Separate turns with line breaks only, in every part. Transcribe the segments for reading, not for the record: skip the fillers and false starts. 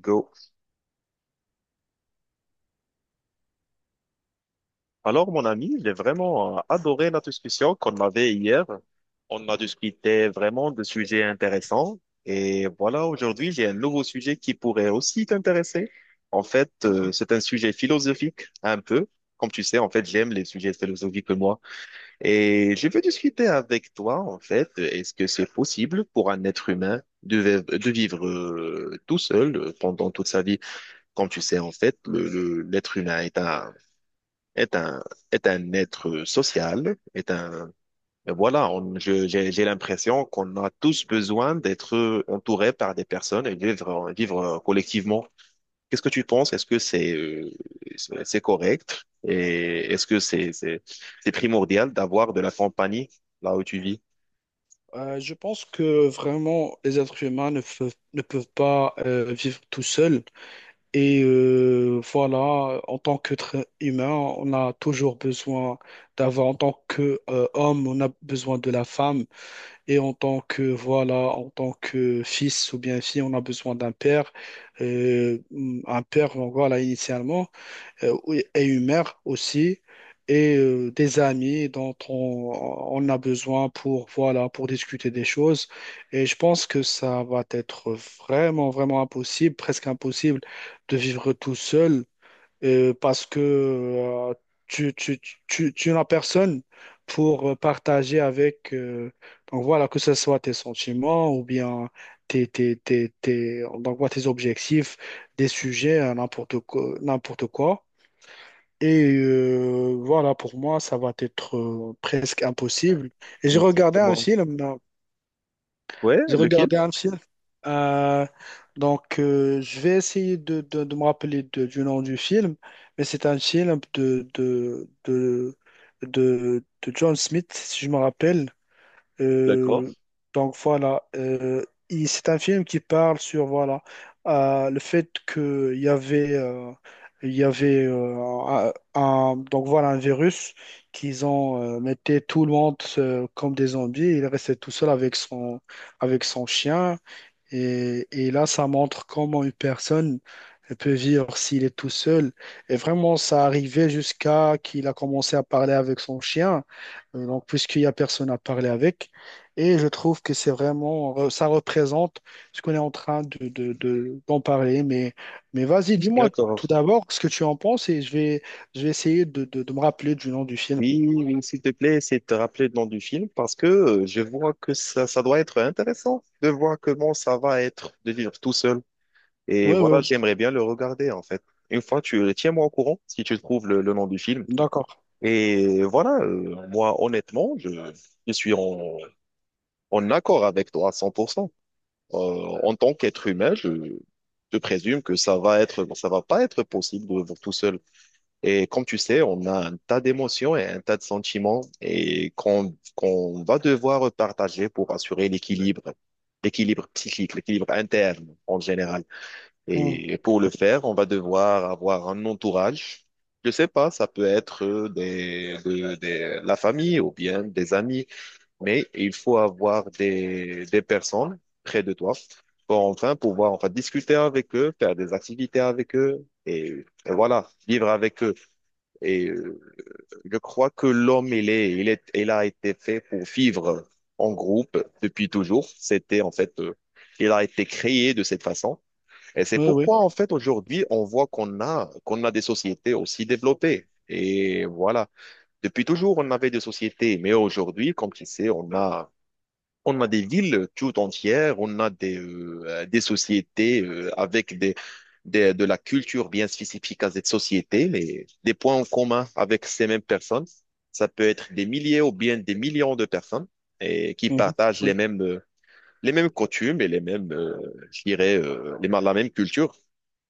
Go. Alors, mon ami, j'ai vraiment adoré notre discussion qu'on avait hier. On a discuté vraiment de sujets intéressants. Et voilà, aujourd'hui, j'ai un nouveau sujet qui pourrait aussi t'intéresser. En fait, c'est un sujet philosophique, un peu. Comme tu sais, en fait, j'aime les sujets philosophiques, moi. Et je veux discuter avec toi, en fait, est-ce que c'est possible pour un être humain de vivre tout seul pendant toute sa vie? Comme tu sais, en fait, l'être humain est un est un, est un être social, est un, et voilà, j'ai l'impression qu'on a tous besoin d'être entourés par des personnes et vivre, vivre collectivement. Qu'est-ce que tu penses? Est-ce que c'est, c'est correct? Et est-ce que c'est primordial d'avoir de la compagnie là où tu vis?
Je pense que vraiment les êtres humains ne peuvent, ne peuvent pas vivre tout seuls. En tant qu'être humain, on a toujours besoin d'avoir, en tant que homme, on a besoin de la femme. Et en tant que, voilà, en tant que fils ou bien fille, on a besoin d'un père. Euh, un père, donc voilà, initialement oui, et une mère aussi, et des amis dont on a besoin pour, voilà, pour discuter des choses. Et je pense que ça va être vraiment, vraiment impossible, presque impossible de vivre tout seul parce que tu, tu, tu n'as personne pour partager avec, donc voilà, que ce soit tes sentiments ou bien donc voilà, tes objectifs, des sujets, n'importe quoi, n'importe quoi. Pour moi, ça va être presque impossible. Et j'ai regardé un
Exactement.
film, euh,
Ouais,
j'ai
lequel?
regardé un film. Euh, je vais essayer de me rappeler du nom du film, mais c'est un film de John Smith, si je me rappelle.
D'accord,
Euh, donc voilà, c'est un film qui parle sur voilà le fait que il y avait il y avait euh, donc voilà un virus qu'ils ont mettait tout le monde comme des zombies. Il restait tout seul avec son chien. Et là, ça montre comment une personne peut vivre s'il est tout seul. Et vraiment, ça arrivait jusqu'à qu'il a commencé à parler avec son chien. Donc puisqu'il n'y a personne à parler avec. Et je trouve que c'est vraiment, ça représente ce qu'on est en train d'en parler. Mais vas-y, dis-moi tout
d'accord.
d'abord ce que tu en penses et je vais essayer de me rappeler du nom du film.
Oui, oui, s'il te plaît, essaie de te rappeler le nom du film parce que je vois que ça doit être intéressant de voir comment ça va être de vivre tout seul. Et
Oui,
voilà,
oui,
j'aimerais bien le regarder en fait. Une fois, tu tiens-moi au courant si tu trouves le nom du film.
d'accord.
Et voilà, moi, honnêtement, je suis en, en accord avec toi à 100%. Euh, En tant qu'être humain, je présume que ça va pas être possible de vivre tout seul. Et comme tu sais, on a un tas d'émotions et un tas de sentiments et qu'on va devoir partager pour assurer l'équilibre, l'équilibre psychique, l'équilibre interne en général.
Oui,
Et pour le faire, on va devoir avoir un entourage. Je sais pas, ça peut être la famille ou bien des amis, mais il faut avoir des personnes près de toi pour enfin pouvoir enfin discuter avec eux, faire des activités avec eux et voilà, vivre avec eux. Et je crois que l'homme, il a été fait pour vivre en groupe depuis toujours. C'était en fait, il a été créé de cette façon. Et c'est
oui, oui.
pourquoi en fait aujourd'hui, on voit qu'on a des sociétés aussi développées. Et voilà. Depuis toujours, on avait des sociétés, mais aujourd'hui, comme tu sais, on a des villes tout entières, on a des sociétés avec des, de la culture bien spécifique à cette société, mais des points en commun avec ces mêmes personnes. Ça peut être des milliers ou bien des millions de personnes et qui
Mhm.
partagent
Oui,
les mêmes coutumes et les mêmes, je dirais, la même culture.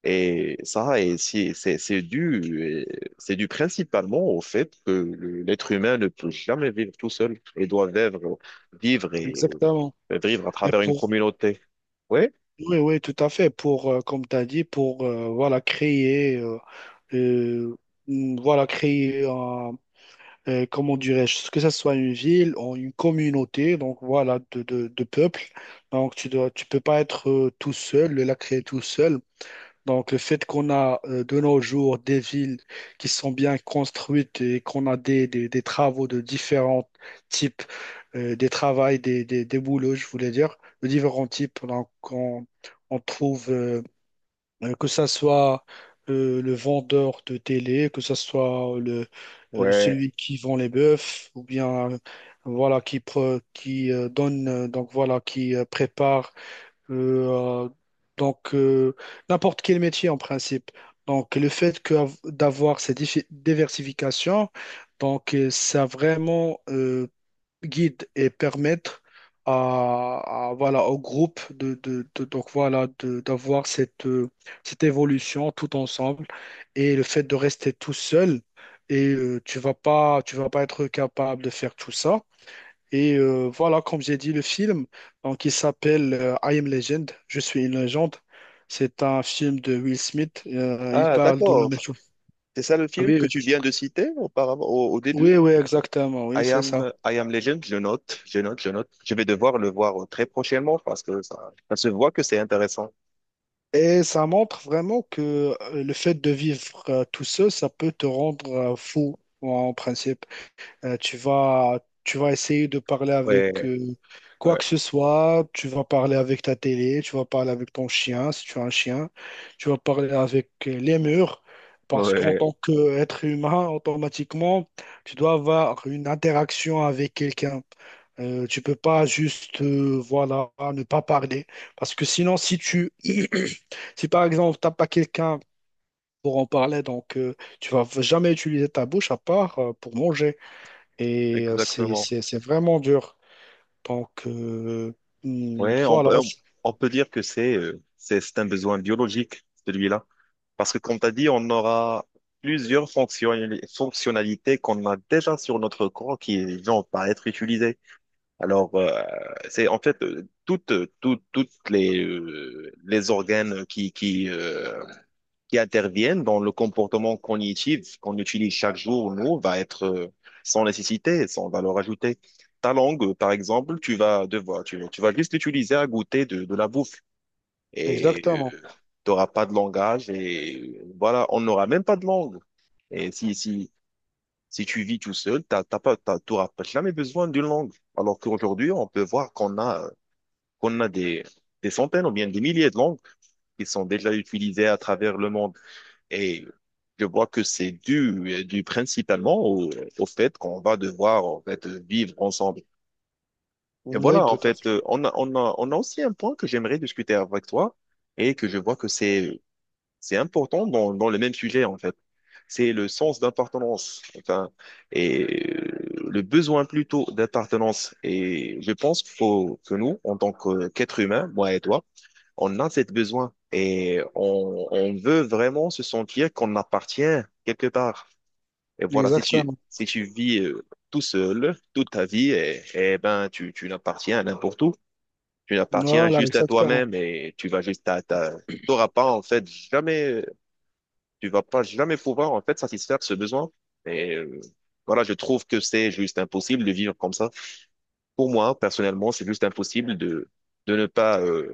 Et ça, et c'est dû principalement au fait que l'être humain ne peut jamais vivre tout seul et doit vivre vivre et
exactement.
le vivre à
Et
travers une
pour,
communauté. Oui?
Oui, oui, tout à fait. Pour, comme tu as dit, pour voilà, créer, euh, voilà, comment dirais-je, que ce soit une ville ou une communauté, donc voilà, de peuples. Donc tu dois, tu peux pas être tout seul, la créer tout seul. Donc, le fait qu'on a de nos jours des villes qui sont bien construites et qu'on a des travaux de différents types, des travails, des boulots, je voulais dire, de différents types. Donc, on trouve que ça soit le vendeur de télé, que ça soit
Ouais.
celui qui vend les bœufs, ou bien voilà qui, pre- qui donne, donc voilà qui prépare euh, donc, euh, n'importe quel métier en principe. Donc, le fait que, d'avoir cette diversification, donc, ça vraiment guide et permettre à voilà, au groupe donc, voilà, d'avoir cette, cette évolution tout ensemble. Et le fait de rester tout seul, tu vas pas être capable de faire tout ça. Comme j'ai dit, le film, donc il s'appelle I Am Legend, Je suis une légende. C'est un film de Will Smith. Il
Ah,
parle de la même
d'accord.
chose.
C'est ça le film
Oui,
que
oui,
tu viens de citer auparavant, au, au début?
oui, oui, exactement, oui, c'est ça.
I am Legend, je note, je note, je note. Je vais devoir le voir très prochainement parce que ça se voit que c'est intéressant.
Et ça montre vraiment que le fait de vivre tout seul, ça peut te rendre fou en principe. Euh, tu vas, tu vas essayer de parler
Ouais,
avec quoi
ouais,
que ce soit. Tu vas parler avec ta télé, tu vas parler avec ton chien, si tu as un chien. Tu vas parler avec les murs. Parce qu'en
ouais,
tant qu'être humain, automatiquement, tu dois avoir une interaction avec quelqu'un. Tu peux pas juste voilà, ne pas parler. Parce que sinon, si tu si par exemple, tu n'as pas quelqu'un pour en parler, donc tu vas jamais utiliser ta bouche à part pour manger. Et euh, c'est,
exactement.
c'est, c'est vraiment dur. Donc, euh, hmm,
Ouais,
voilà, je-
on peut dire que c'est, c'est un besoin biologique, celui-là. Parce que comme tu as dit, on aura plusieurs fonctionnalités qu'on a déjà sur notre corps qui vont pas être utilisées. Alors, c'est en fait toutes les organes qui interviennent dans le comportement cognitif qu'on utilise chaque jour, nous, va être sans nécessité, sans valeur ajoutée. Ta langue, par exemple, tu vas devoir, tu vas juste l'utiliser à goûter de la bouffe et
exactement.
tu n'auras pas de langage et voilà, on n'aura même pas de langue. Et si tu vis tout seul, t'auras pas jamais besoin d'une langue. Alors qu'aujourd'hui, on peut voir qu'on a des centaines ou bien des milliers de langues qui sont déjà utilisées à travers le monde. Et je vois que c'est dû, dû principalement au, au fait qu'on va devoir en fait vivre ensemble. Et
Oui,
voilà, en
tout à
fait,
fait.
on a aussi un point que j'aimerais discuter avec toi et que je vois que c'est important dans, dans le même sujet, en fait. C'est le sens d'appartenance, enfin, et le besoin plutôt d'appartenance. Et je pense qu'il faut que nous, qu'êtres humains, moi et toi, on a cette besoin et on veut vraiment se sentir qu'on appartient quelque part. Et voilà,
Exactement.
si tu vis tout seul toute ta vie, et ben, tu n'appartiens à n'importe où. Tu n'appartiens
Voilà,
juste à
exactement.
toi-même et tu vas juste à ta, t'auras pas, en fait, jamais, tu vas pas jamais pouvoir, en fait, satisfaire ce besoin. Et voilà, je trouve que c'est juste impossible de vivre comme ça. Pour moi, personnellement, c'est juste impossible de ne pas,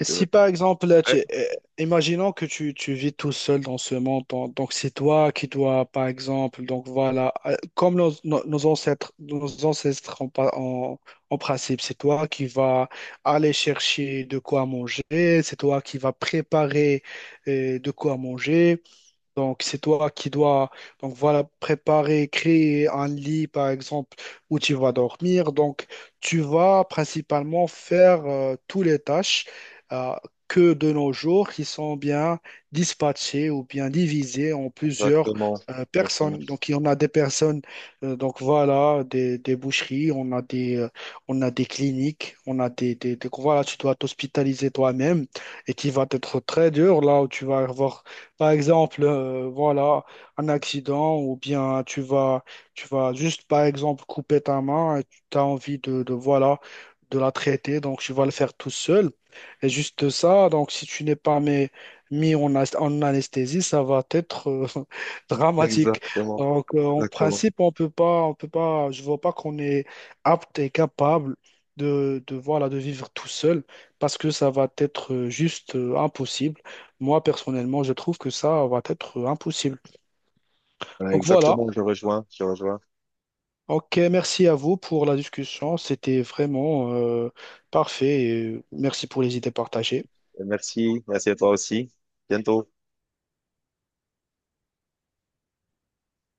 Et
de-
si par exemple, là,
ouais,
tu- imaginons que tu vis tout seul dans ce monde, donc c'est toi qui dois, par exemple, donc voilà, comme nos ancêtres en principe, c'est toi qui vas aller chercher de quoi manger, c'est toi qui vas préparer de quoi manger. Donc, c'est toi qui dois donc voilà, préparer, créer un lit, par exemple, où tu vas dormir. Donc, tu vas principalement faire toutes les tâches euh, que de nos jours qui sont bien dispatchées ou bien divisées en plusieurs
exactement.
personnes. Donc, il y en a des personnes, donc voilà, des boucheries, on a des cliniques, on a voilà, tu dois t'hospitaliser toi-même et qui va être très dur là où tu vas avoir par exemple, voilà, un accident ou bien tu vas juste, par exemple, couper ta main et tu as envie voilà, de la traiter, donc tu vas le faire tout seul. Et juste ça, donc si tu n'es pas mis, en anesthésie, ça va être dramatique.
Exactement,
En
exactement.
principe, on peut pas, je vois pas qu'on est apte et capable de voilà, de vivre tout seul parce que ça va être juste impossible. Moi, personnellement, je trouve que ça va être impossible.
Voilà,
Donc voilà.
exactement, je rejoins, je rejoins.
Ok, merci à vous pour la discussion. C'était vraiment parfait. Et merci pour les idées partagées.
Et merci, merci à toi aussi. Bientôt.